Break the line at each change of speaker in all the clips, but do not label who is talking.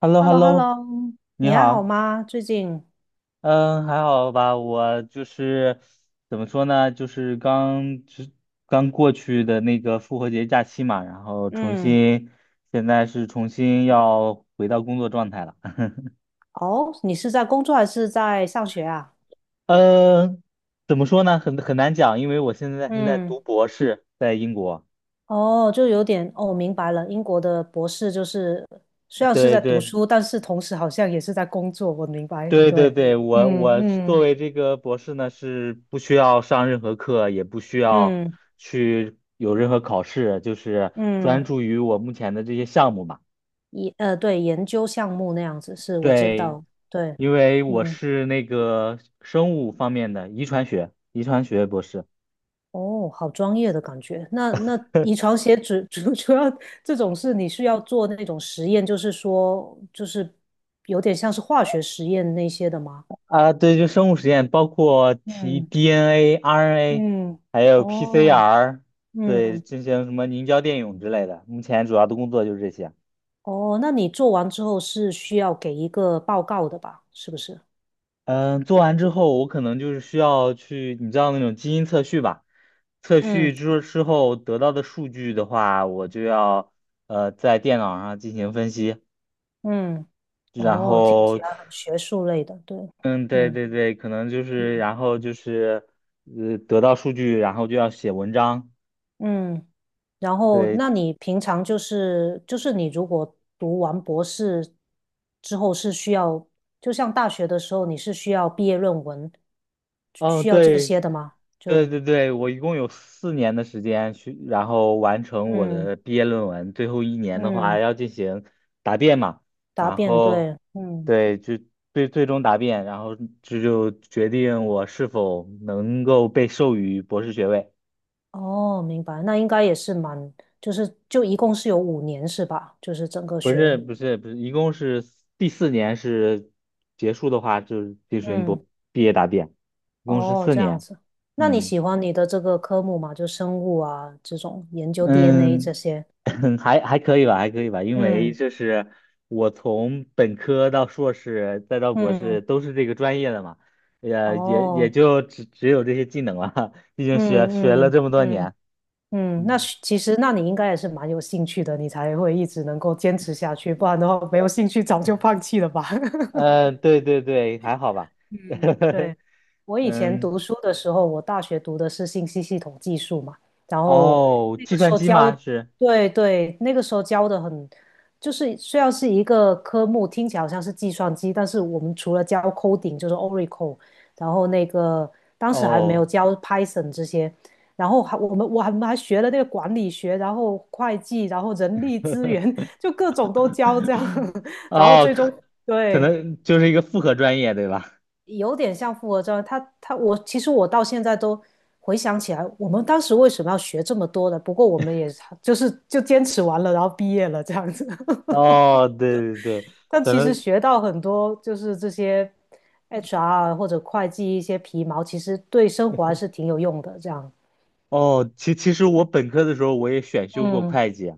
h e l l o
h e
h
l
e
l
l
o
l
h e l l
o
o
你
你还好
好，
吗？最近，
嗯，还好吧？我就是怎么说呢，就是刚过去的那个复活节假期嘛，然后重
嗯，
新，现在是重新要回到工作状态了。
哦，你是在工作还是在上学啊？
嗯，怎么说呢？很难讲，因为我现在是在
嗯，
读博士，在英国。
哦，就有点，哦，明白了。英国的博士就是虽然是
对
在读
对，
书，但是同时好像也是在工作。我明白，
对对
对，
对，我
嗯
我作
嗯
为这个博士呢，是不需要上任何课，也不需要
嗯
去有任何考试，就是专
嗯，
注于我目前的这些项目嘛。
对，研究项目那样子是，我知
对，
道，对，
因为我
嗯。
是那个生物方面的遗传学博士
哦，好专业的感觉。那遗传学主要这种事，你是要做那种实验，就是说，就是有点像是化学实验那些的吗？
啊，对，就生物实验，包括提
嗯
DNA、RNA，
嗯，
还有
哦，
PCR，对，
嗯，
进行什么凝胶电泳之类的。目前主要的工作就是这些。
哦，那你做完之后是需要给一个报告的吧？是不是？
嗯，做完之后，我可能就是需要去，你知道那种基因测序吧？测序
嗯
之后得到的数据的话，我就要在电脑上进行分析，
嗯，
然
哦，听
后，
起来很学术类的，对，
嗯，对
嗯
对对，可能就是
嗯。
然后就是得到数据，然后就要写文章，
嗯，然后
对，
那你平常就是你如果读完博士之后是需要，就像大学的时候你是需要毕业论文，
哦，
需要这
对，
些的吗？
对对对，我一共有四年的时间去，然后完成我
嗯
的毕业论文。最后一年的话
嗯，
要进行答辩嘛，
答
然
辩
后
对，嗯
对，就最终答辩，然后这就决定我是否能够被授予博士学位。
哦，明白，那应该也是蛮，就一共是有五年是吧？就是整个
不是不是不是，一共是第四年是结束的话，就是进行
嗯
毕业答辩，一共是
哦
四
这样
年。
子，那你
嗯。
喜欢你的这个科目吗？就生物啊这种研究 DNA 这
嗯，
些，
还可以吧，还可以吧，因为
嗯。
就是我从本科到硕士再到博士
嗯
都是这个专业的嘛，也
哦，
就只有这些技能了，毕竟学
嗯
了
嗯
这么多
嗯
年。
嗯，那
嗯，
是其实那你应该也是蛮有兴趣的，你才会一直能够坚持下去，不然的话没有兴趣早就放弃了吧？
对对对，还好吧。
嗯，对，我以前
嗯，
读书的时候，我大学读的是信息系统技术嘛，然后
哦，
那
计
个时
算
候
机
教，
吗？是，
对对，那个时候教的很，就是虽然是一个科目，听起来好像是计算机，但是我们除了教 coding 就是 Oracle，然后那个当时还没有
哦，
教 Python 这些，然后还我们我还我们还学了那个管理学，然后会计，然后人力资源，就各种都教这样，然后
哦，
最终
可可
对。
能就是一个复合专业，对吧？
有点像复合教育他他我其实我到现在都回想起来，我们当时为什么要学这么多的？不过我们也就坚持完了，然后毕业了这样子。
哦，对对对，
但
可
其实
能
学到很多，就是这些 HR 或者会计一些皮毛，其实对生活还是挺有用的。这样，
哦，其实我本科的时候我也选修过
嗯，
会计，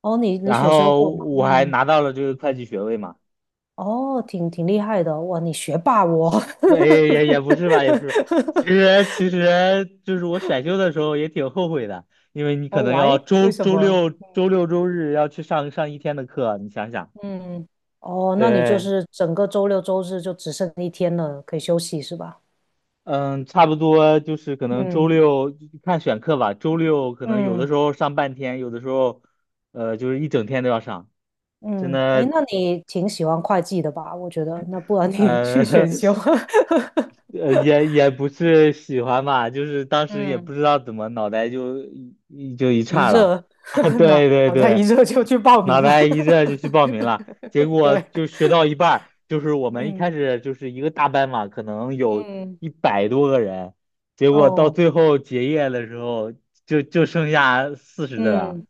哦，你
然
选修
后
过吗？
我还
嗯，
拿到了这个会计学位嘛。
哦，挺厉害的，哇，你学霸我。
不，也不是吧，也不是。其实就是我选修的时候也挺后悔的，因为你可
哦，w
能
h
要
y
周
为什
周
么？
六周六周日要去上一天的课，你想想。
嗯，哦，那你就
对，
是整个周六周日就只剩一天了，可以休息是吧？
嗯，差不多就是可能周
嗯
六看选课吧，周六可能有的时
嗯
候上半天，有的时候就是一整天都要上。真
嗯，哎，
的，
那你挺喜欢会计的吧？我觉得，那不然你
呃，
去 选修，
也不是喜欢吧，就是当 时也不
嗯，
知道怎么脑袋就一
一
岔了
热，
啊，
脑
对对
脑袋一
对，
热就去报
脑
名了，
袋一热就去报名了，结 果
对，
就学到一半儿就是我们一
嗯
开始就是一个大班嘛，可能有
嗯，
100多个人，结果到
哦，
最后结业的时候就剩下40的了，
嗯。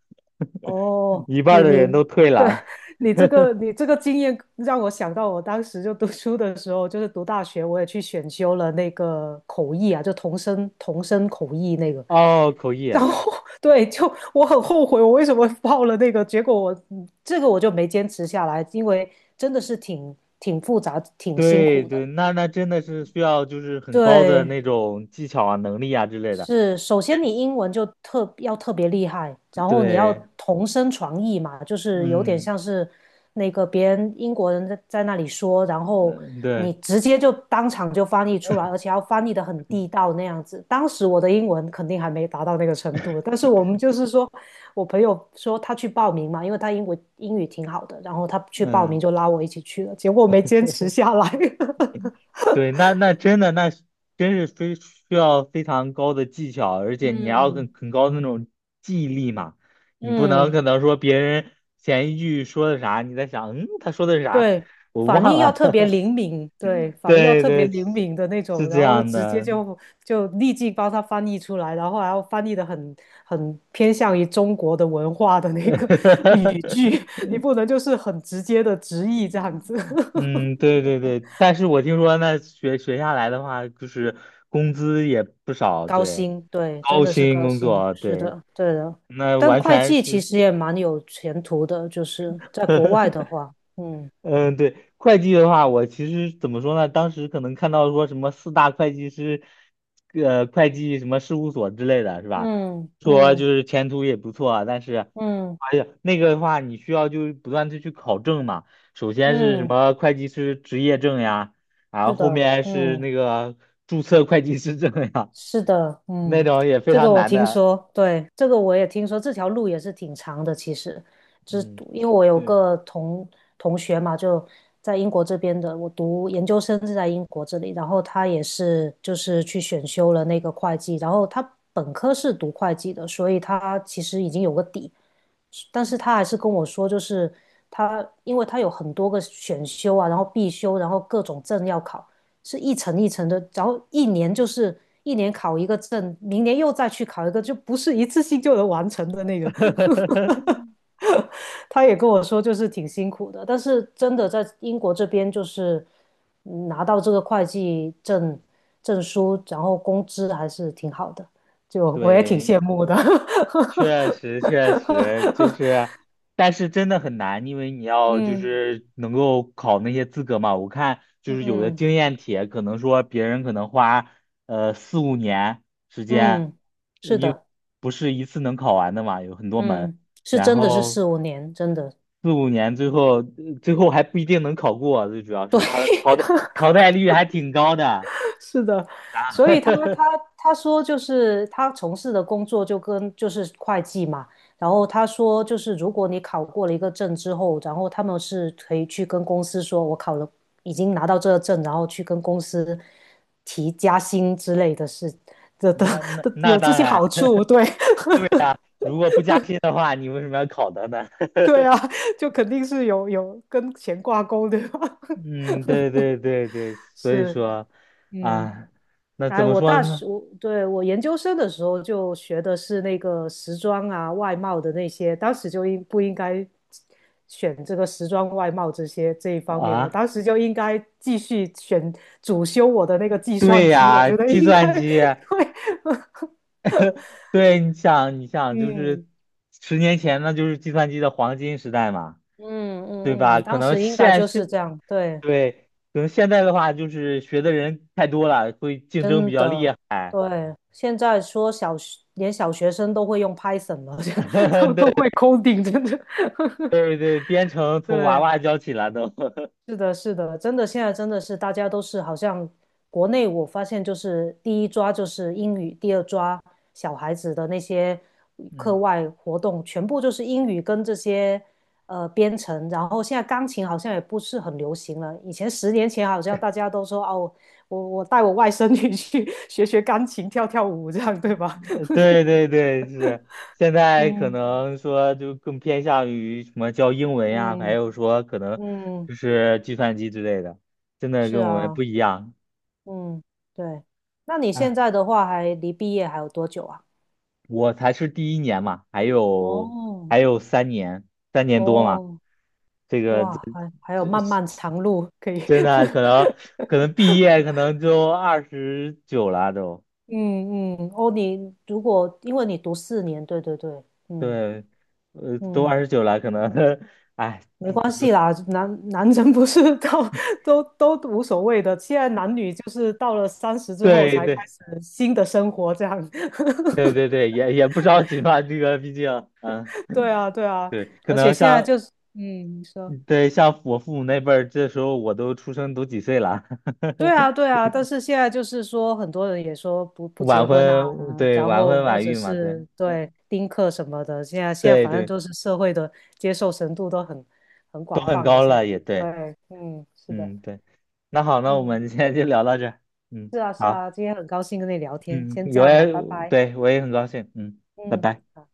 哦，
一半儿
你
的人
你
都退
对
了。
你这个 你这个经验让我想到，我当时就读书的时候，就是读大学，我也去选修了那个口译啊，就同声口译那个。
哦，口译
然
啊。
后 对，就我很后悔，我为什么报了那个，结果我我就没坚持下来，因为真的是挺复杂、挺辛
对
苦的。
对，那真的是需要就是很高的
对，
那种技巧啊、能力啊之类的。
是，首先你英文就特别厉害，然后你要
对，
同声传译嘛，就是有点
嗯，
像是那个别人英国人在那里说，然后
嗯
你
对，
直接就当场就翻译出来，而且要翻译的很地道那样子。当时我的英文肯定还没达到那个程度，但是我们就是说，我朋友说他去报名嘛，因为他英文英语挺好的，然后他去报名
嗯，
就拉我一起去了，结果没坚持下来。
对，那真的真是非需要非常高的技巧，而且你还要
嗯，
很高的那种记忆力嘛，你不能
嗯，
可能说别人前一句说的啥，你在想，嗯，他说的是啥，
对，
我
反
忘
应要
了。
特别 灵敏，对，反应要
对
特别
对，
灵敏的那
是
种，
这
然后就
样
直接
的。
就就立即帮他翻译出来，然后还要翻译的很偏向于中国的文化的那个 语句，你不能就是很直接的直译这样子。
嗯，对对对，但是我听说那学下来的话，就是工资也不少，
高
对，
薪，对，真
高
的是
薪
高
工
薪，
作，
是
对，
的，对的。
那
但
完
会
全
计其
是，
实也蛮有前途的，就是在国外 的话，嗯
嗯，对，会计的话，我其实怎么说呢？当时可能看到说什么四大会计师，会计什么事务所之类的，是吧？
嗯
说就
嗯
是前途也不错啊，但是，
嗯
哎呀，那个的话，你需要就是不断的去考证嘛。首先是什
嗯，
么会计师执业证呀，然后
是
后
的，
面是
嗯。
那个注册会计师证呀，
是的，
那
嗯，
种也非
这个
常
我
难
听
的。
说，对，这个我也听说，这条路也是挺长的。其实，就是
嗯，
因为我有
对，
个同学嘛，就在英国这边的，我读研究生是在英国这里，然后他也是就是去选修了那个会计，然后他本科是读会计的，所以他其实已经有个底，但是他还是跟我说，就是他因为他有很多个选修啊，然后必修，然后各种证要考。是一层一层的，然后一年就是一年考一个证，明年又再去考一个，就不是一次性就能完成的那个。他也跟我说，就是挺辛苦的，但是真的在英国这边，就是拿到这个会计证证书，然后工资还是挺好的，就我也挺
对，
羡慕的。
确实，确实就 是，但是真的很难，因为你要就
嗯
是能够考那些资格嘛。我看就是有的
嗯
经验帖，可能说别人可能花四五年时间，
嗯，是的，
不是一次能考完的嘛，有很多门，
嗯，是
然
真的是
后
4、5年，真的。对。
四五年最后最后还不一定能考过，最主要是它的淘汰率还挺高的啊。
是的，所以他他 他说就是他从事的工作就跟就是会计嘛，然后他说就是如果你考过了一个证之后，然后他们是可以去跟公司说，我考了已经拿到这个证，然后去跟公司提加薪之类的事的的
那那
的
那
有这
当
些
然，
好处，对
如果不加薪的话，你为什么要考它呢？
对啊，就肯定是有跟钱挂钩的，
嗯，对对对对，所以
是。
说
嗯。
啊，那怎
哎，
么
我
说
大学，
呢？
我研究生的时候就学的是那个时装啊、外贸的那些，当时就应不应该选这个时装、外贸这些这一方面？我
啊，
当时就应该继续选主修我的那个计算
对
机，我
呀，
觉得
计
应
算
该 对，
机，对，你想，你想，就是
嗯
10年前那就是计算机的黄金时代嘛，
嗯
对
嗯
吧？
嗯，
可
当
能
时应该就是这样，对，
对，可能现在的话就是学的人太多了，会竞争比
真
较厉
的，
害。
对，现在说小学连小学生都会用 Python 了，都 都
对
会 coding，真的。
对对，编程从娃
对，
娃教起了都。
是的，是的，真的，现在真的是大家都是好像国内，我发现就是第一抓就是英语，第二抓小孩子的那些课
嗯
外活动，全部就是英语跟这些编程，然后现在钢琴好像也不是很流行了。以前10年前好像大家都说哦，我带我外甥女去 学学钢琴，跳跳舞这样，对吧？
对 对对，是现在可
嗯
能说就更偏向于什么教英文呀，还
嗯。
有说可能
嗯，
就是计算机之类的，真的
是
跟我们不
啊。
一样。
嗯，对。那你现
哎，
在的话，还离毕业还有多久啊？
我才是第一年嘛，还有
哦，
还有三年，三年多嘛，
哦，
这个
哇，还有漫漫长路可以。
真的可 能可能毕业可能就二十九了都，
嗯嗯，哦，你如果因为你读4年，对对对，嗯
对，都
嗯，
二十九了，可能，哎，
没关系啦，男人不是到 都无所谓的，现在男女就是到了30之后
对
才开
对
始新的生活，这样，
对对对，也不着急吧，这个毕竟，嗯。
对啊对啊，
对，可
而且
能
现在
像
就是，嗯，你说，
对像我父母那辈儿，这时候我都出生都几岁了，
对啊，对 啊，但是现在就是说，很多人也说不
晚
结婚啊，
婚，对，
然
晚婚
后或
晚
者
育嘛，对，
是对
嗯
丁克什么的，现在
对
反正
对，
都是社会的接受程度都很
都
广
很
泛了。
高
现在
了，也对，
对，嗯，是的，
嗯，对，那好，那我
嗯，
们今天就聊到这儿，嗯，
是啊，是
好，
啊，今天很高兴跟你聊天，
嗯，
先这
有
样
也，
了，拜拜，
对，我也很高兴，嗯，拜
嗯。
拜。
好。